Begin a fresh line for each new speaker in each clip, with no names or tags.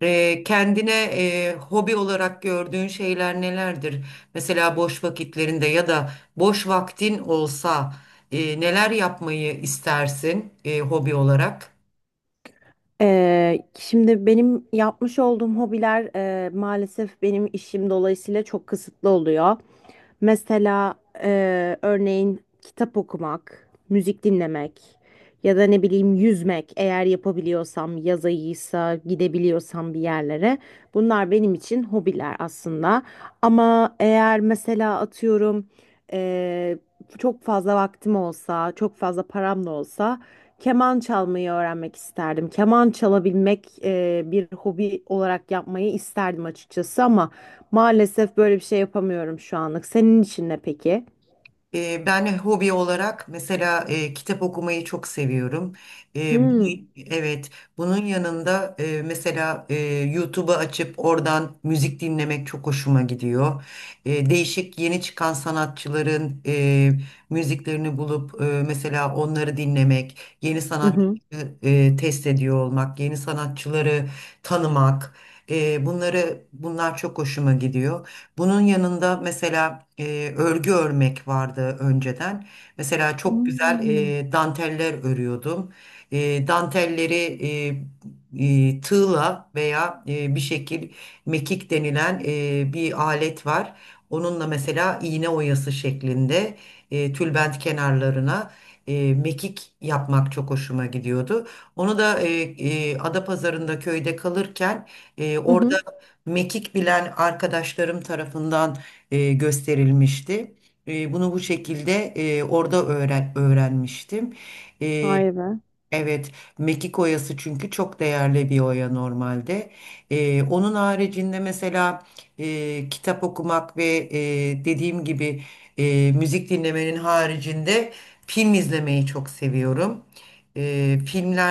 Kendine hobi olarak gördüğün şeyler nelerdir? Mesela boş vakitlerinde ya da boş vaktin olsa neler yapmayı istersin hobi olarak?
Şimdi benim yapmış olduğum hobiler maalesef benim işim dolayısıyla çok kısıtlı oluyor. Mesela örneğin kitap okumak, müzik dinlemek ya da ne bileyim yüzmek eğer yapabiliyorsam, yaz ayıysa gidebiliyorsam bir yerlere. Bunlar benim için hobiler aslında. Ama eğer mesela atıyorum e, çok fazla vaktim olsa, çok fazla param da olsa keman çalmayı öğrenmek isterdim. Keman çalabilmek bir hobi olarak yapmayı isterdim açıkçası ama maalesef böyle bir şey yapamıyorum şu anlık. Senin için ne peki?
Ben hobi olarak mesela kitap okumayı çok seviyorum. E, bu-
Hmm.
evet, bunun yanında mesela YouTube'u açıp oradan müzik dinlemek çok hoşuma gidiyor. Değişik yeni çıkan sanatçıların müziklerini bulup mesela onları dinlemek, yeni
Hı
sanatçı
hı.
test ediyor olmak, yeni sanatçıları tanımak, bunlar çok hoşuma gidiyor. Bunun yanında mesela örgü örmek vardı önceden. Mesela çok güzel
Hmm.
danteller örüyordum. Dantelleri tığla veya bir şekil mekik denilen bir alet var. Onunla mesela iğne oyası şeklinde tülbent kenarlarına mekik yapmak çok hoşuma gidiyordu. Onu da Adapazarı'nda köyde kalırken
Hı
orada
hı.
mekik bilen arkadaşlarım tarafından gösterilmişti. Bunu bu şekilde orada öğrenmiştim. E,
Vay be.
Evet, mekik oyası çünkü çok değerli bir oya normalde. Onun haricinde mesela kitap okumak ve dediğim gibi müzik dinlemenin haricinde film izlemeyi çok seviyorum.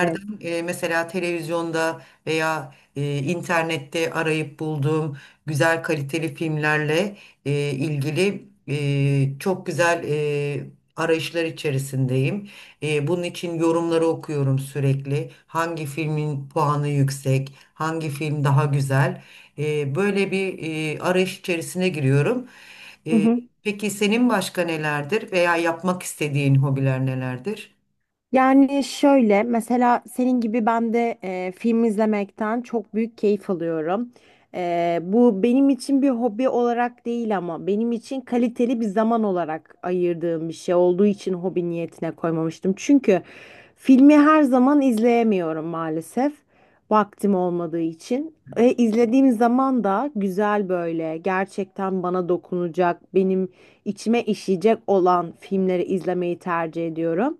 Evet.
mesela televizyonda veya internette arayıp bulduğum güzel kaliteli filmlerle ilgili çok güzel arayışlar içerisindeyim. Bunun için yorumları okuyorum sürekli. Hangi filmin puanı yüksek, hangi film daha güzel. Böyle bir arayış içerisine giriyorum. E, peki senin başka nelerdir veya yapmak istediğin hobiler nelerdir?
Yani şöyle mesela senin gibi ben de film izlemekten çok büyük keyif alıyorum. Bu benim için bir hobi olarak değil ama benim için kaliteli bir zaman olarak ayırdığım bir şey olduğu için hobi niyetine koymamıştım. Çünkü filmi her zaman izleyemiyorum maalesef vaktim olmadığı için. İzlediğim zaman da güzel böyle gerçekten bana dokunacak, benim içime işleyecek olan filmleri izlemeyi tercih ediyorum.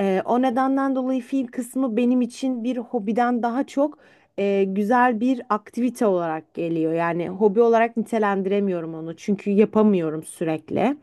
O nedenden dolayı film kısmı benim için bir hobiden daha çok güzel bir aktivite olarak geliyor. Yani hobi olarak nitelendiremiyorum onu çünkü yapamıyorum sürekli.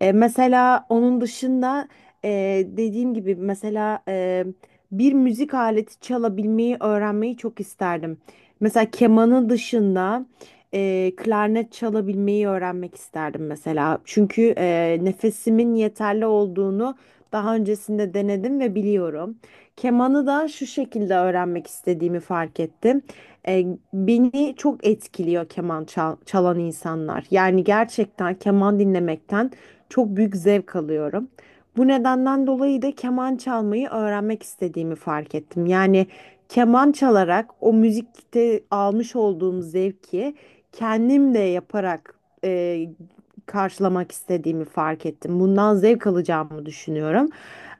Mesela onun dışında e, dediğim gibi mesela bir müzik aleti çalabilmeyi öğrenmeyi çok isterdim. Mesela kemanın dışında klarnet çalabilmeyi öğrenmek isterdim mesela. Çünkü nefesimin yeterli olduğunu daha öncesinde denedim ve biliyorum. Kemanı da şu şekilde öğrenmek istediğimi fark ettim. E, Beni çok etkiliyor keman çalan insanlar. Yani gerçekten keman dinlemekten çok büyük zevk alıyorum. Bu nedenden dolayı da keman çalmayı öğrenmek istediğimi fark ettim. Yani keman çalarak o müzikte almış olduğum zevki kendim de yaparak e, karşılamak istediğimi fark ettim. Bundan zevk alacağımı düşünüyorum.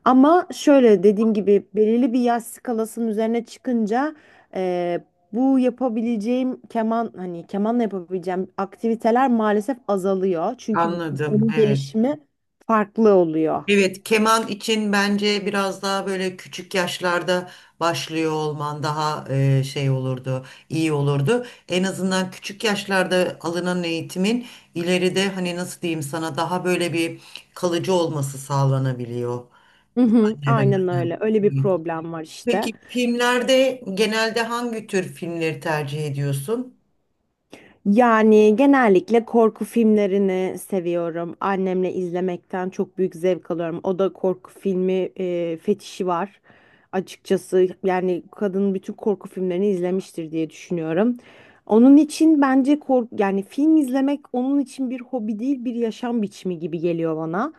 Ama şöyle dediğim gibi belirli bir yaş skalasının üzerine çıkınca eee, bu yapabileceğim keman hani kemanla yapabileceğim aktiviteler maalesef azalıyor. Çünkü
Anladım.
onun
Evet.
gelişimi farklı oluyor.
Evet, keman için bence biraz daha böyle küçük yaşlarda başlıyor olman daha şey olurdu, iyi olurdu. En azından küçük yaşlarda alınan eğitimin ileride hani nasıl diyeyim sana daha böyle bir kalıcı olması sağlanabiliyor.
Hı hı,
Ne
aynen
dersen.
öyle. Öyle bir
Evet.
problem var işte.
Peki filmlerde genelde hangi tür filmleri tercih ediyorsun?
Yani genellikle korku filmlerini seviyorum. Annemle izlemekten çok büyük zevk alıyorum. O da korku filmi fetişi var. Açıkçası yani kadın bütün korku filmlerini izlemiştir diye düşünüyorum. Onun için bence kork yani film izlemek onun için bir hobi değil bir yaşam biçimi gibi geliyor bana.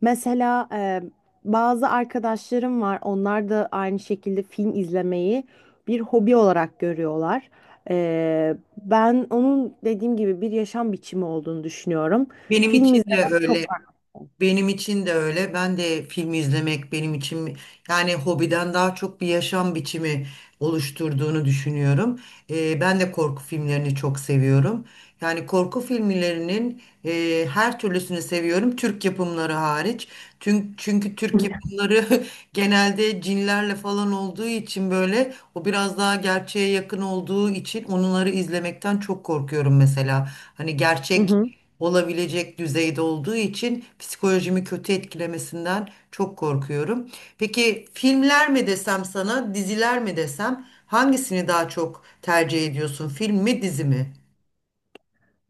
Mesela bazı arkadaşlarım var. Onlar da aynı şekilde film izlemeyi bir hobi olarak görüyorlar. Ben onun dediğim gibi bir yaşam biçimi olduğunu düşünüyorum.
Benim
Film
için de
izlemek çok
öyle.
farklı.
Benim için de öyle. Ben de film izlemek benim için yani hobiden daha çok bir yaşam biçimi oluşturduğunu düşünüyorum. Ben de korku filmlerini çok seviyorum. Yani korku filmlerinin her türlüsünü seviyorum. Türk yapımları hariç. Çünkü Türk yapımları genelde cinlerle falan olduğu için böyle o biraz daha gerçeğe yakın olduğu için onları izlemekten çok korkuyorum mesela. Hani
Hı
gerçek
hı.
olabilecek düzeyde olduğu için psikolojimi kötü etkilemesinden çok korkuyorum. Peki filmler mi desem sana, diziler mi desem hangisini daha çok tercih ediyorsun? Film mi, dizi mi?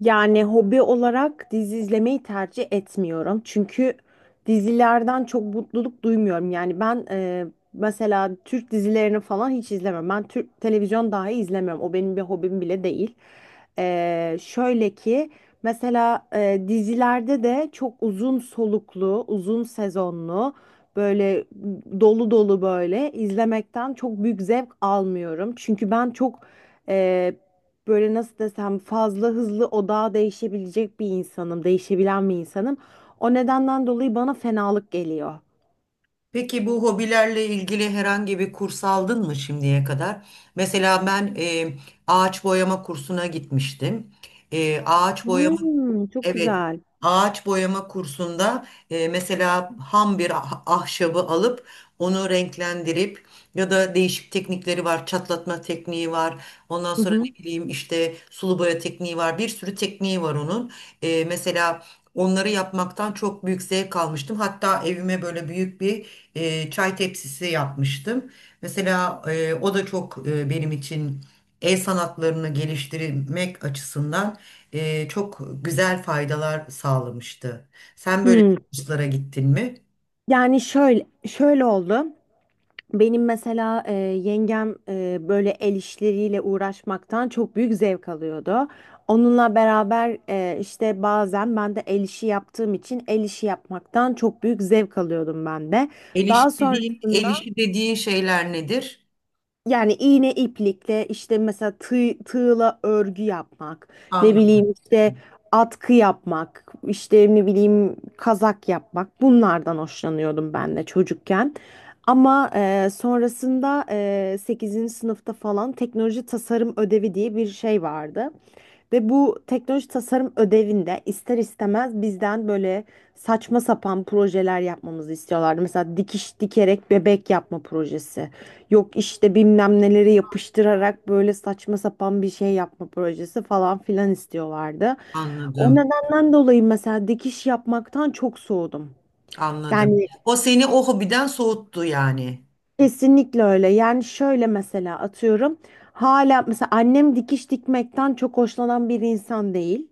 Yani hobi olarak dizi izlemeyi tercih etmiyorum. Çünkü dizilerden çok mutluluk duymuyorum. Yani ben mesela Türk dizilerini falan hiç izlemem. Ben Türk televizyon dahi izlemiyorum. O benim bir hobim bile değil. Şöyle ki mesela dizilerde de çok uzun soluklu, uzun sezonlu, böyle dolu dolu böyle izlemekten çok büyük zevk almıyorum. Çünkü ben çok e, böyle nasıl desem fazla hızlı odağa değişebilecek bir insanım, değişebilen bir insanım. O nedenden dolayı bana fenalık geliyor.
Peki bu hobilerle ilgili herhangi bir kurs aldın mı şimdiye kadar? Mesela ben ağaç boyama kursuna gitmiştim. Ağaç boyama
Hmm, çok
evet,
güzel.
ağaç boyama kursunda mesela ham bir ahşabı alıp onu renklendirip ya da değişik teknikleri var, çatlatma tekniği var. Ondan
Hı
sonra
hı.
ne bileyim işte sulu boya tekniği var. Bir sürü tekniği var onun. Mesela onları yapmaktan çok büyük zevk almıştım. Hatta evime böyle büyük bir çay tepsisi yapmıştım. Mesela o da çok benim için el sanatlarını geliştirmek açısından çok güzel faydalar sağlamıştı. Sen böyle
Hmm.
kurslara gittin mi?
Şöyle oldu. Benim mesela yengem böyle el işleriyle uğraşmaktan çok büyük zevk alıyordu. Onunla beraber işte bazen ben de el işi yaptığım için el işi yapmaktan çok büyük zevk alıyordum ben de.
El işi
Daha sonra
dediğin, el işi dediğin şeyler nedir?
yani iğne iplikle işte mesela tığla örgü yapmak, ne
Anladım,
bileyim işte atkı yapmak, işte ne bileyim kazak yapmak bunlardan hoşlanıyordum ben de çocukken. Ama sonrasında 8. sınıfta falan teknoloji tasarım ödevi diye bir şey vardı. Ve bu teknoloji tasarım ödevinde ister istemez bizden böyle saçma sapan projeler yapmamızı istiyorlardı. Mesela dikiş dikerek bebek yapma projesi. Yok işte bilmem neleri yapıştırarak böyle saçma sapan bir şey yapma projesi falan filan istiyorlardı. O
anladım,
nedenden dolayı mesela dikiş yapmaktan çok soğudum.
anladım.
Yani
O seni o hobiden soğuttu yani.
kesinlikle öyle. Yani şöyle mesela atıyorum. Hala mesela annem dikiş dikmekten çok hoşlanan bir insan değil.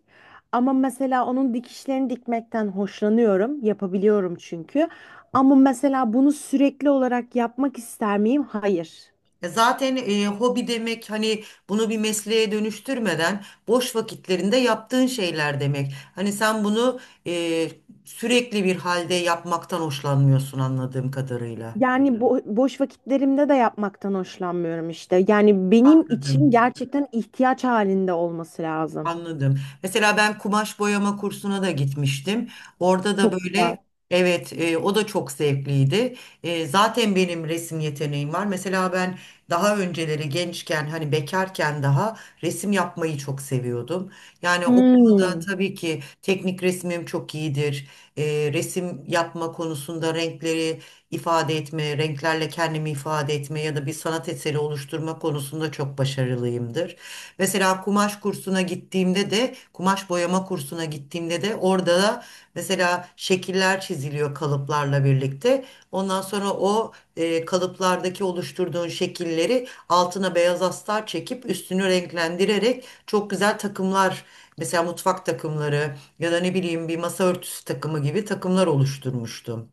Ama mesela onun dikişlerini dikmekten hoşlanıyorum. Yapabiliyorum çünkü. Ama mesela bunu sürekli olarak yapmak ister miyim? Hayır.
Zaten hobi demek hani bunu bir mesleğe dönüştürmeden boş vakitlerinde yaptığın şeyler demek. Hani sen bunu e, sürekli bir halde yapmaktan hoşlanmıyorsun anladığım kadarıyla.
Yani boş vakitlerimde de yapmaktan hoşlanmıyorum işte. Yani benim için
Anladım.
gerçekten ihtiyaç halinde olması lazım.
Anladım. Mesela ben kumaş boyama kursuna da gitmiştim. Orada da
Çok güzel.
böyle evet o da çok zevkliydi. Zaten benim resim yeteneğim var. Mesela ben daha önceleri gençken hani bekarken daha resim yapmayı çok seviyordum. Yani o konuda
Hmm.
tabii ki teknik resmim çok iyidir. Resim yapma konusunda renkleri ifade etme, renklerle kendimi ifade etme ya da bir sanat eseri oluşturma konusunda çok başarılıyımdır. Mesela kumaş kursuna gittiğimde de, kumaş boyama kursuna gittiğimde de orada da mesela şekiller çiziliyor kalıplarla birlikte. Ondan sonra kalıplardaki oluşturduğun şekilleri altına beyaz astar çekip üstünü renklendirerek çok güzel takımlar mesela mutfak takımları ya da ne bileyim bir masa örtüsü takımı gibi takımlar oluşturmuştum.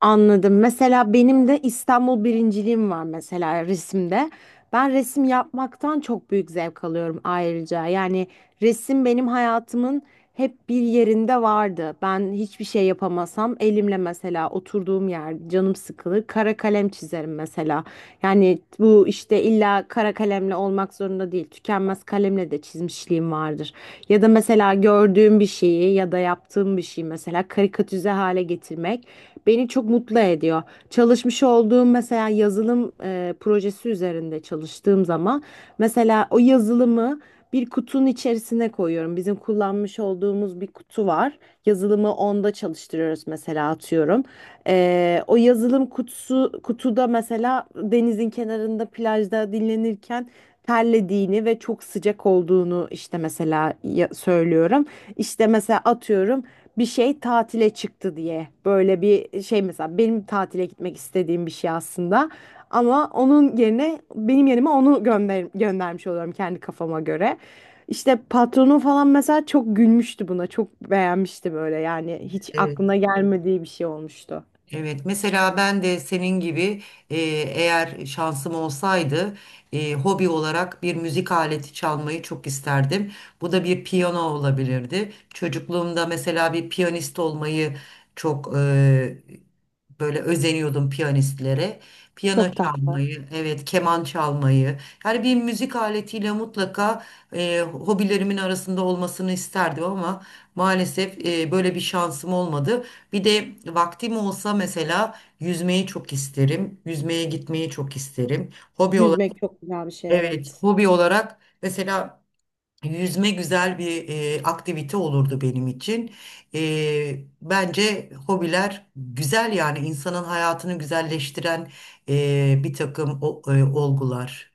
Anladım. Mesela benim de İstanbul birinciliğim var mesela resimde. Ben resim yapmaktan çok büyük zevk alıyorum ayrıca. Yani resim benim hayatımın hep bir yerinde vardı. Ben hiçbir şey yapamasam elimle mesela oturduğum yer canım sıkılır kara kalem çizerim mesela. Yani bu işte illa kara kalemle olmak zorunda değil. Tükenmez kalemle de çizmişliğim vardır. Ya da mesela gördüğüm bir şeyi ya da yaptığım bir şeyi mesela karikatüze hale getirmek beni çok mutlu ediyor. Çalışmış olduğum mesela yazılım projesi üzerinde çalıştığım zaman mesela o yazılımı bir kutunun içerisine koyuyorum. Bizim kullanmış olduğumuz bir kutu var. Yazılımı onda çalıştırıyoruz mesela atıyorum. O yazılım kutuda mesela denizin kenarında plajda dinlenirken terlediğini ve çok sıcak olduğunu işte mesela söylüyorum. İşte mesela atıyorum bir şey tatile çıktı diye böyle bir şey mesela benim tatile gitmek istediğim bir şey aslında ama onun yerine benim yerime onu göndermiş oluyorum kendi kafama göre. İşte patronum falan mesela çok gülmüştü buna çok beğenmişti böyle yani hiç
Evet.
aklına gelmediği bir şey olmuştu.
Evet, mesela ben de senin gibi e, eğer şansım olsaydı hobi olarak bir müzik aleti çalmayı çok isterdim. Bu da bir piyano olabilirdi. Çocukluğumda mesela bir piyanist olmayı çok böyle özeniyordum piyanistlere. Piyano
Çok tatlı.
çalmayı, evet keman çalmayı. Yani bir müzik aletiyle mutlaka hobilerimin arasında olmasını isterdim ama maalesef böyle bir şansım olmadı. Bir de vaktim olsa mesela yüzmeyi çok isterim. Yüzmeye gitmeyi çok isterim. Hobi olarak,
Yüzmek çok güzel bir şey
evet
evet.
hobi olarak mesela yüzme güzel bir aktivite olurdu benim için. Bence hobiler güzel yani insanın hayatını güzelleştiren bir takım olgular.